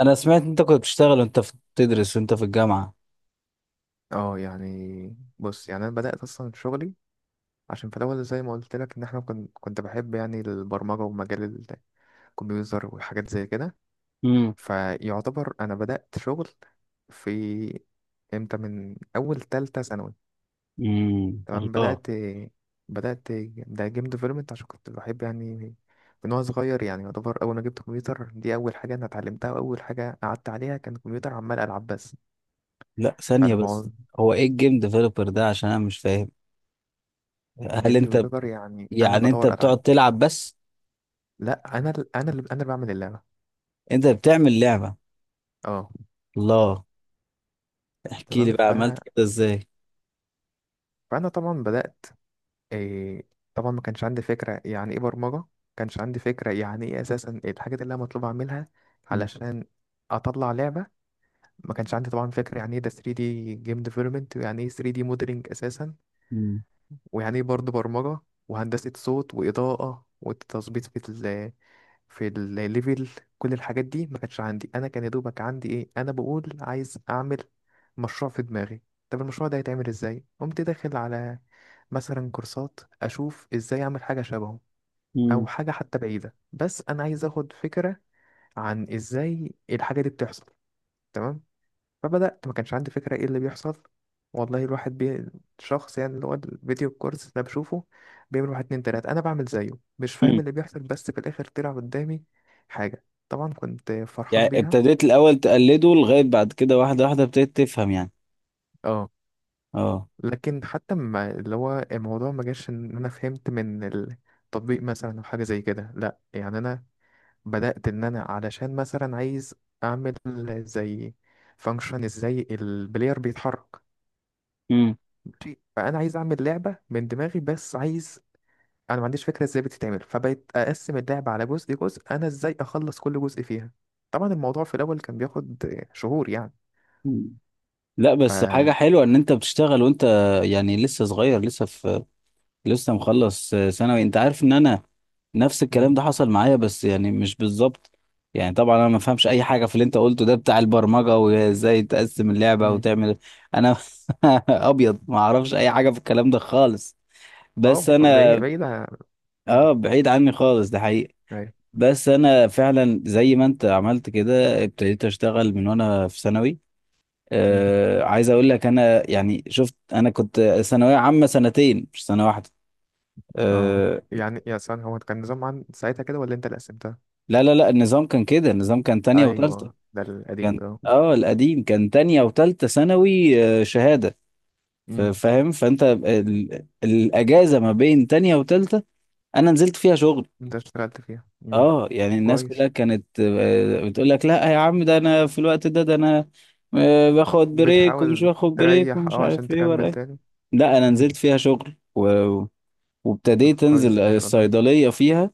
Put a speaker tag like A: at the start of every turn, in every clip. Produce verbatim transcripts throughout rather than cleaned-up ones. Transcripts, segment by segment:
A: انا سمعت انت كنت بتشتغل وانت في بتدرس وانت في الجامعه.
B: اه، يعني بص، يعني انا بدات اصلا شغلي. عشان في الاول زي ما قلت لك ان احنا كنت كنت بحب يعني البرمجه ومجال الكمبيوتر وحاجات زي كده.
A: امم
B: فيعتبر انا بدات شغل في امتى؟ من اول تالتة ثانوي.
A: امم
B: تمام،
A: الله.
B: بدات بدات ده جيم ديفلوبمنت. عشان كنت بحب يعني من وانا صغير، يعني يعتبر اول ما جبت كمبيوتر دي اول حاجه انا اتعلمتها، واول حاجه قعدت عليها كان كمبيوتر عمال العب بس.
A: لا، ثانيه بس.
B: فالموضوع
A: هو ايه الجيم ديفلوبر ده؟ عشان انا مش فاهم. هل
B: جيم
A: انت ب-
B: ديفلوبر يعني انا
A: يعني انت
B: بطور العاب.
A: بتقعد تلعب بس؟
B: لا، انا ال- انا اللي انا اللي بعمل اللعبه.
A: انت بتعمل لعبه؟
B: اه،
A: الله. احكي لي
B: تمام.
A: بقى
B: ف...
A: عملت كده ازاي.
B: فانا طبعا بدات. إيه... طبعا ما كانش عندي فكره يعني ايه برمجه، ما كانش عندي فكره يعني ايه اساسا الحاجات اللي انا مطلوب اعملها
A: مم.
B: علشان اطلع لعبه. ما كانش عندي طبعا فكره يعني ايه ده ثري دي جيم ديفلوبمنت، ويعني ايه ثري دي موديلنج اساسا،
A: مم.
B: ويعني ايه برضه برمجة وهندسة صوت وإضاءة وتظبيط في ال في الليفل. كل الحاجات دي ما كانتش عندي، أنا كان يا دوبك عندي إيه، أنا بقول عايز أعمل مشروع في دماغي، طب المشروع ده هيتعمل إزاي؟ قمت داخل على مثلا كورسات أشوف إزاي أعمل حاجة شبهه،
A: مم.
B: أو حاجة حتى بعيدة بس أنا عايز أخد فكرة عن إزاي الحاجة دي بتحصل. تمام، فبدأت، ما كانش عندي فكرة ايه اللي بيحصل، والله الواحد بي... شخص يعني اللي هو الفيديو الكورس ده بشوفه بيعمل واحد اتنين تلاتة أنا بعمل زيه، مش فاهم
A: مم.
B: اللي بيحصل، بس في الآخر طلع قدامي حاجة طبعا كنت فرحان
A: يعني
B: بيها.
A: ابتديت الاول تقلده، لغايه بعد كده واحده واحده ابتديت تفهم، يعني.
B: اه.
A: اه.
B: لكن حتى ما اللي هو الموضوع ما جاش إن أنا فهمت من التطبيق مثلا أو حاجة زي كده، لأ، يعني أنا بدأت إن أنا علشان مثلا عايز أعمل زي فانكشن ازاي البلاير بيتحرك.
A: مم.
B: ماشي، فأنا عايز أعمل لعبة من دماغي بس عايز، انا ما عنديش فكره ازاي بتتعمل، فبقيت اقسم اللعبه على جزء جزء، انا ازاي اخلص كل جزء فيها. طبعا الموضوع في الاول كان بياخد شهور يعني.
A: مم. لا
B: ف
A: بس حاجة حلوة ان انت بتشتغل وانت يعني لسه صغير، لسه في، لسه مخلص ثانوي. انت عارف ان انا نفس
B: مم.
A: الكلام ده حصل معايا، بس يعني مش بالظبط. يعني طبعا انا ما فهمش اي حاجه في اللي انت قلته ده بتاع البرمجه وازاي تقسم اللعبه
B: مم.
A: وتعمل. انا ابيض، ما اعرفش اي حاجه في الكلام ده خالص.
B: اه،
A: بس
B: بعيد،
A: انا
B: بعيد عن- مم.
A: اه بعيد عني خالص، ده حقيقي.
B: أيوة.
A: بس انا فعلا زي ما انت عملت كده، ابتديت اشتغل من وانا في ثانوي.
B: مم.
A: آه عايز اقول لك، انا يعني شفت، انا كنت ثانويه عامه سنتين، مش سنه واحده.
B: اه،
A: آه.
B: يعني يا سان هو كان نظام عن ساعتها كده ولا انت اللي قسمتها؟
A: لا لا لا، النظام كان كده، النظام كان تانية وتالتة.
B: ايوه، ده القديم
A: كان
B: ده.
A: اه القديم، كان تانية وتالتة ثانوي، آه، شهادة. ف-
B: مم.
A: فاهم؟ فانت ال... الاجازة ما بين تانية وتالتة، انا نزلت فيها شغل.
B: انت اشتغلت فيها. مم.
A: اه يعني الناس
B: كويس.
A: كلها كانت آه، بتقول لك لا يا عم، ده انا في الوقت ده ده انا آه، باخد بريك ومش
B: بتحاول
A: باخد بريك
B: تريح
A: ومش
B: اه عشان
A: عارف ايه ورا
B: تكمل
A: ايه.
B: تاني.
A: لا، انا
B: مم.
A: نزلت فيها شغل و...
B: طب
A: وابتديت
B: كويس،
A: انزل
B: ده ما شاء الله.
A: الصيدلية فيها.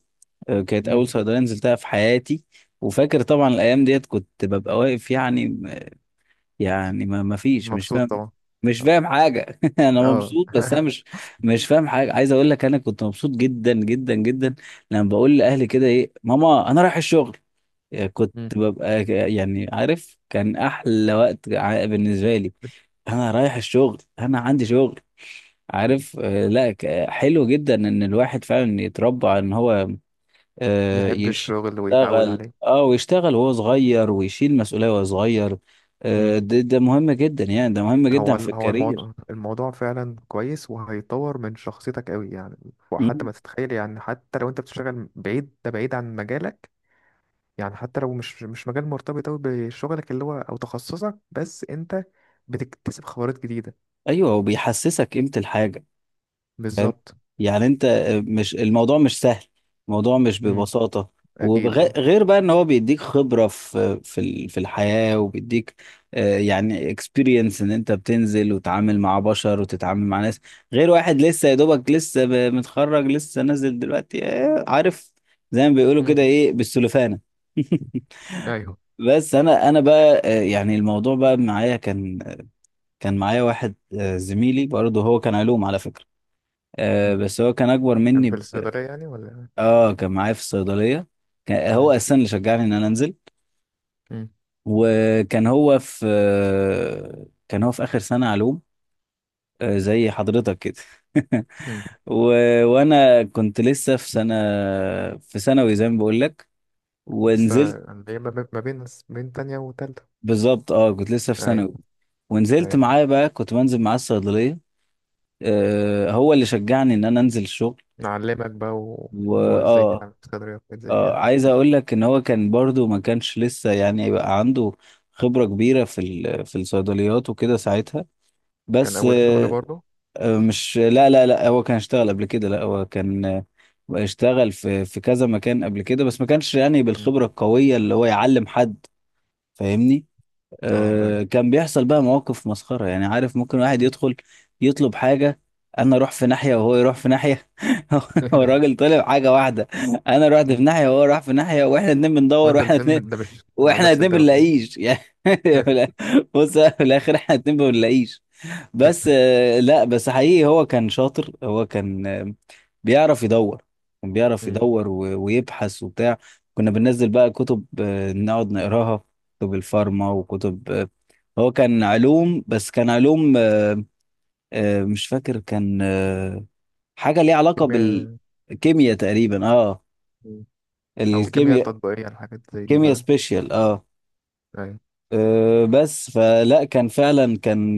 A: آه، كانت
B: مم.
A: اول صيدلية نزلتها في حياتي. وفاكر طبعا الايام ديت كنت ببقى واقف، يعني. يعني ما ما فيش، مش
B: مبسوط
A: فاهم،
B: طبعا.
A: مش فاهم حاجة. أنا
B: اه
A: مبسوط بس أنا مش، مش فاهم حاجة. عايز أقول لك أنا كنت مبسوط جدا جدا جدا، لما بقول لأهلي كده إيه ماما، أنا رايح الشغل. يعني كنت
B: مم.
A: ببقى ك- يعني عارف كان أحلى وقت ع- بالنسبة لي. أنا رايح الشغل، أنا عندي شغل. عارف؟ آه، لا، ك- حلو جدا إن الواحد فعلا يتربى إن هو آه،
B: يحب الشغل ويتعود
A: يشتغل،
B: عليه.
A: اه ويشتغل وهو صغير، ويشيل مسؤولية وهو صغير.
B: امم.
A: آه، ده ده مهم جدا، يعني ده مهم جدا
B: هو
A: في
B: ال- هو
A: الكارير.
B: الموضوع الموضوع فعلا كويس، وهيطور من شخصيتك قوي يعني. وحتى
A: مم.
B: ما تتخيل، يعني حتى لو انت بتشتغل بعيد، ده بعيد عن مجالك، يعني حتى لو مش مش مجال مرتبط قوي بشغلك اللي هو او تخصصك، بس انت بتكتسب خبرات جديدة.
A: ايوه، وبيحسسك قيمة الحاجة. فاهم؟
B: بالظبط.
A: يعني انت آه، مش الموضوع مش سهل. الموضوع مش
B: امم.
A: ببساطة.
B: اكيد اه.
A: وغير بقى ان هو بيديك خبرة في في ال- في الحياة، وبيديك آه، يعني اكسبيرينس، ان انت بتنزل وتتعامل مع بشر وتتعامل مع ناس. غير واحد لسه يا دوبك، لسه ب- متخرج، لسه نازل دلوقتي. آه، عارف، زي ما بيقولوا
B: امم.
A: كده، ايه، بالسلوفانة.
B: ايوه.
A: بس انا انا بقى، آه، يعني الموضوع بقى معايا كان، كان معايا واحد، آه، زميلي برضه، هو كان علوم على فكرة. آه
B: مم.
A: بس هو كان اكبر
B: كان
A: مني
B: في
A: ب...
B: الصيدلية يعني ولا؟
A: اه كان معايا في الصيدليه. كان هو
B: أيوة.
A: اساسا اللي شجعني ان انا انزل.
B: امم.
A: وكان هو في آه، كان هو في اخر سنه علوم، آه، زي حضرتك كده.
B: مم.
A: و... وانا كنت لسه في سنه، في ثانوي، زي ما بقول لك.
B: لسه
A: ونزلت.
B: اللي هي ما بين ما بين بين تانية وتالتة.
A: بالظبط، اه كنت لسه في
B: أيوة.
A: ثانوي. ونزلت
B: أيوة.
A: معاه بقى، كنت بنزل معاه الصيدليه. آه، هو اللي شجعني ان انا انزل الشغل.
B: نعلمك بقى و- اللي هو
A: واه.
B: ازاي تعمل صدري وحاجات زي
A: آه
B: كده.
A: عايز اقول لك ان هو كان برضو ما كانش لسه يعني بقى عنده خبرة كبيرة في ال- في الصيدليات وكده ساعتها.
B: كان
A: بس
B: اول شغل
A: آه
B: برضه؟
A: آه، مش، لا لا لا، هو كان اشتغل قبل كده. لا، هو كان، آه، اشتغل في في كذا مكان قبل كده، بس ما كانش يعني
B: مم.
A: بالخبرة القوية اللي هو يعلم حد. فاهمني؟
B: اه اي
A: آه، كان بيحصل بقى مواقف مسخرة، يعني عارف، ممكن واحد يدخل يطلب حاجة، أنا أروح في ناحية وهو يروح في ناحية. هو الراجل طلب حاجة واحدة، أنا رحت في ناحية وهو راح في ناحية، وإحنا اتنين بندور،
B: وانت
A: وإحنا اتنين،
B: الترم ده مش على
A: وإحنا
B: نفس
A: اتنين
B: الدواء
A: بنلاقيش. يعني، بص، في الآخر إحنا اتنين بنلاقيش. بس آه، لا، بس حقيقي هو كان شاطر، هو كان آه، بيعرف يدور. كان بيعرف
B: مم.
A: يدور و- ويبحث وبتاع. كنا بننزل بقى كتب، آه، نقعد نقراها، كتب الفارما وكتب، آه، هو كان علوم، بس كان علوم، آه، آه، مش فاكر، كان آه، حاجة ليها علاقة
B: كيمياء.
A: بالكيمياء تقريبا، اه.
B: مم. او كيمياء
A: الكيمياء.
B: تطبيقية الحاجات زي دي
A: كيمياء
B: بقى.
A: سبيشال، اه.
B: ايوه.
A: آه، بس فلا، كان فعلا كان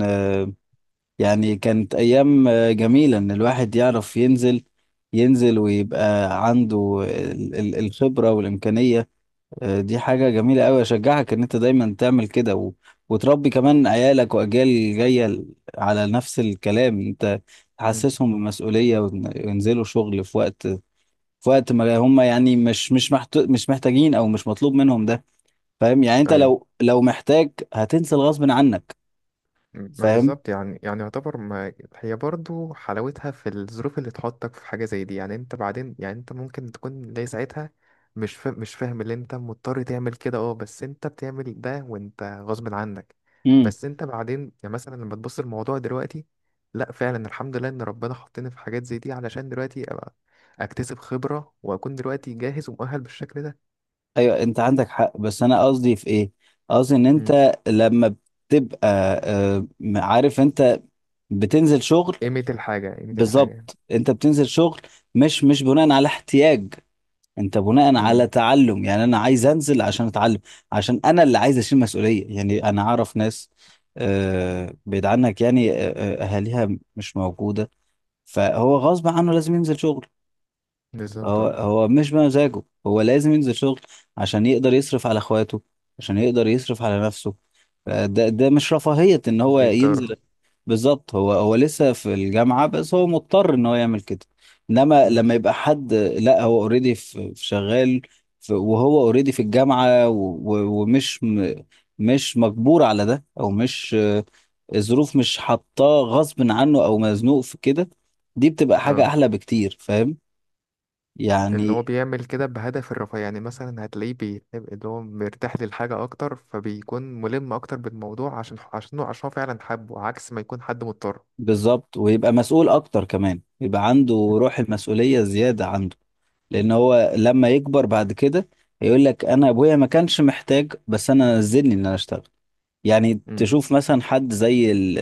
A: يعني كانت أيام آه، جميلة، إن الواحد يعرف ينزل، ينزل ويبقى عنده ال- ال- الخبرة والإمكانية. آه، دي حاجة جميلة أوي، أشجعك إن أنت دايما تعمل كده و... وتربي كمان عيالك وأجيال جاية ل- على نفس الكلام. أنت
B: مم.
A: تحسسهم بالمسؤولية، وإن- وينزلوا شغل في وقت، في وقت ما هم يعني مش، مش محت... مش محتاجين، أو مش مطلوب منهم ده. فاهم يعني؟ أنت
B: ايوه.
A: لو لو محتاج هتنزل غصب عنك.
B: ما
A: فاهم.
B: بالظبط يعني، يعني يعتبر ما هي برضو حلاوتها في الظروف اللي تحطك في حاجة زي دي، يعني انت بعدين، يعني انت ممكن تكون زي ساعتها مش فا... مش فاهم اللي انت مضطر تعمل كده، اه، بس انت بتعمل ده وانت غصب عنك. بس انت بعدين يعني مثلا لما تبص الموضوع دلوقتي، لا فعلا الحمد لله ان ربنا حطني في حاجات زي دي، علشان دلوقتي ابقى اكتسب خبرة واكون دلوقتي جاهز ومؤهل بالشكل ده.
A: ايوه، انت عندك حق، بس انا قصدي في ايه. قصدي ان
B: مم.
A: انت لما بتبقى، آه، عارف، انت بتنزل شغل.
B: قيمة الحاجة، قيمة الحاجة.
A: بالظبط، انت بتنزل شغل، مش مش بناء على احتياج، انت بناء
B: مم.
A: على تعلم. يعني انا عايز انزل عشان اتعلم، عشان انا اللي عايز اشيل مسؤولية. يعني انا اعرف ناس آه، بعيد عنك، يعني آه، آه، اهاليها مش موجودة، فهو غصب عنه لازم ينزل شغل.
B: بالظبط
A: هو
B: اه.
A: هو مش بمزاجه، هو لازم ينزل شغل عشان يقدر يصرف على اخواته، عشان يقدر يصرف على نفسه. ده ده مش رفاهية ان هو
B: بيضطر.
A: ينزل. بالظبط، هو هو لسه في الجامعة، بس هو مضطر ان هو يعمل كده. انما
B: مم.
A: لما يبقى حد، لا، هو اوريدي في في شغال، في وهو اوريدي في الجامعة، و- و- ومش م- مش مجبور على ده، او مش، آه، الظروف مش حاطاه غصب عنه او مزنوق في كده. دي بتبقى حاجة
B: اه،
A: احلى بكتير. فاهم
B: ان هو
A: يعني.
B: بيعمل كده بهدف الرفاه، يعني مثلا هتلاقيه بيحب اللي هو مرتاح للحاجة اكتر، فبيكون ملم اكتر بالموضوع عشان عشان عشان هو فعلا حبه، عكس ما يكون حد مضطر.
A: بالظبط، ويبقى مسؤول اكتر كمان، يبقى عنده روح المسؤولية زيادة عنده. لان هو لما يكبر بعد كده هيقول لك انا ابويا ما كانش محتاج، بس انا نزلني ان انا اشتغل. يعني
B: مم.
A: تشوف مثلا حد زي ال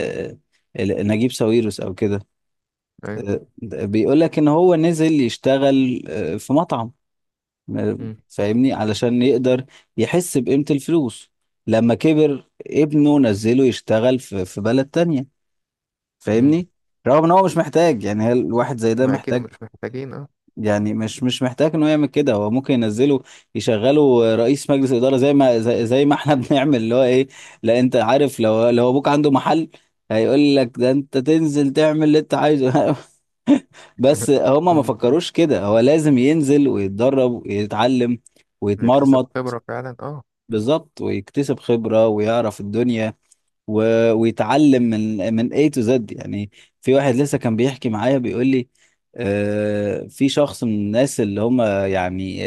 A: ال- نجيب ساويرس او كده.
B: ايوه.
A: آه، بيقول لك ان هو نزل يشتغل، آه، في مطعم. آه،
B: مم.
A: فاهمني؟ علشان يقدر يحس بقيمة الفلوس. لما كبر ابنه نزله يشتغل في في بلد تانية.
B: مم.
A: فاهمني؟ رغم ان هو مش محتاج. يعني هل الواحد زي ده
B: ما اكيد
A: محتاج؟
B: مش محتاجين اه
A: يعني مش مش محتاج ان هو يعمل كده. هو ممكن ينزله يشغله رئيس مجلس اداره زي ما، زي, زي ما احنا بنعمل، اللي هو ايه، لا انت عارف لو، لو ابوك عنده محل، هيقول لك ده انت تنزل تعمل اللي انت عايزه. بس هما ما
B: مم.
A: فكروش كده، هو لازم ينزل ويتدرب ويتعلم
B: بيكتسب
A: ويتمرمط.
B: خبرة فعلا اه.
A: بالظبط، ويكتسب خبرة ويعرف الدنيا و... ويتعلم من من ايه تو زد يعني. في واحد لسه كان بيحكي معايا بيقول لي، آه، في شخص من الناس اللي هم يعني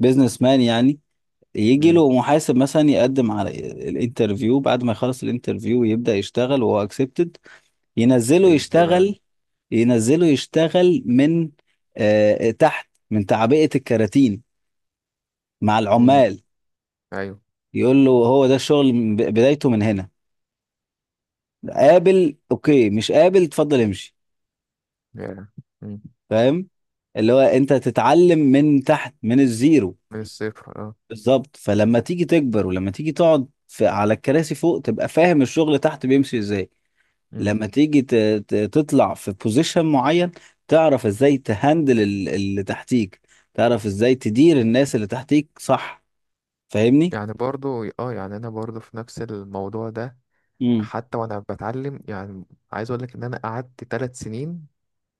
A: البيزنس مان، يعني يجي
B: مم.
A: له محاسب مثلا، يقدم على الانترفيو، بعد ما يخلص الانترفيو ويبدأ يشتغل وهو اكسبتد، ينزله
B: بيكتسبها يعني.
A: يشتغل، ينزله يشتغل من، آه تحت، من تعبئة الكراتين مع
B: مم.
A: العمال،
B: ايوه
A: يقول له هو ده الشغل من ب- بدايته، من هنا قابل اوكي، مش قابل اتفضل امشي.
B: يعني. مم.
A: فاهم اللي هو انت تتعلم من تحت، من الزيرو.
B: من الصفر اه.
A: بالظبط، فلما تيجي تكبر ولما تيجي تقعد في، على الكراسي فوق، تبقى فاهم الشغل تحت بيمشي ازاي.
B: مم.
A: لما تيجي ت- ت- تطلع في بوزيشن معين، تعرف ازاي تهندل ال- اللي تحتيك، تعرف ازاي تدير الناس اللي تحتيك، صح؟ فاهمني.
B: يعني برضو اه، يعني انا برضو في نفس الموضوع ده،
A: امم.
B: حتى وانا بتعلم يعني، عايز اقول لك ان انا قعدت ثلاث سنين،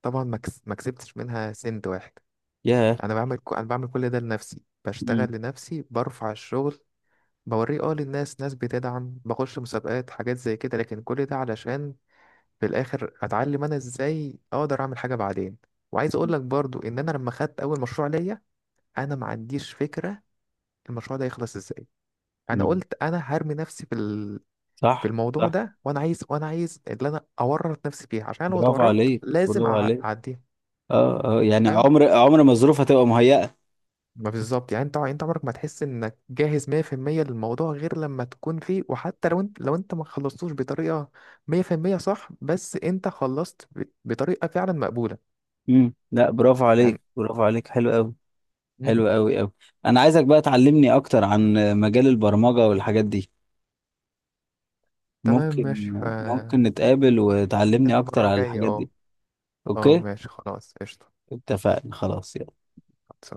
B: طبعا ما كس- ما كسبتش منها سنت واحد.
A: ياه.
B: انا بعمل ك- انا بعمل كل ده لنفسي، بشتغل
A: امم.
B: لنفسي، برفع الشغل بوريه اه للناس، ناس بتدعم، بخش مسابقات، حاجات زي كده، لكن كل ده علشان في الاخر اتعلم انا ازاي اقدر اعمل حاجه بعدين. وعايز اقول لك برضو ان انا لما خدت اول مشروع ليا، انا ما عنديش فكره المشروع ده يخلص ازاي. انا
A: امم.
B: قلت انا هرمي نفسي في ال... في
A: صح،
B: الموضوع
A: صح.
B: ده، وانا عايز، وانا عايز اللي انا اورط نفسي فيه عشان لو
A: برافو
B: اتورطت
A: عليك،
B: لازم أع-
A: برافو عليك.
B: اعديه.
A: اه، اه، يعني عمر عمر ما الظروف هتبقى مهيئة.
B: ما بالظبط يعني، انت انت عمرك ما تحس انك جاهز مائة في المائة للموضوع غير لما تكون فيه، وحتى لو انت لو انت ما خلصتوش بطريقة مية في المية صح، بس انت خلصت ب- بطريقة فعلا مقبولة
A: امم. لا، برافو
B: يعني.
A: عليك، برافو عليك، حلو قوي.
B: مم.
A: حلو قوي قوي. انا عايزك بقى تعلمني اكتر عن مجال البرمجة والحاجات دي.
B: تمام،
A: ممكن؟
B: ماشي. ف
A: ممكن نتقابل وتعلمني
B: كان
A: اكتر
B: مرة
A: على
B: جاية
A: الحاجات
B: اه.
A: دي؟
B: اه،
A: اوكي.
B: ماشي خلاص، قشطة.
A: اتفقنا، خلاص، يلا.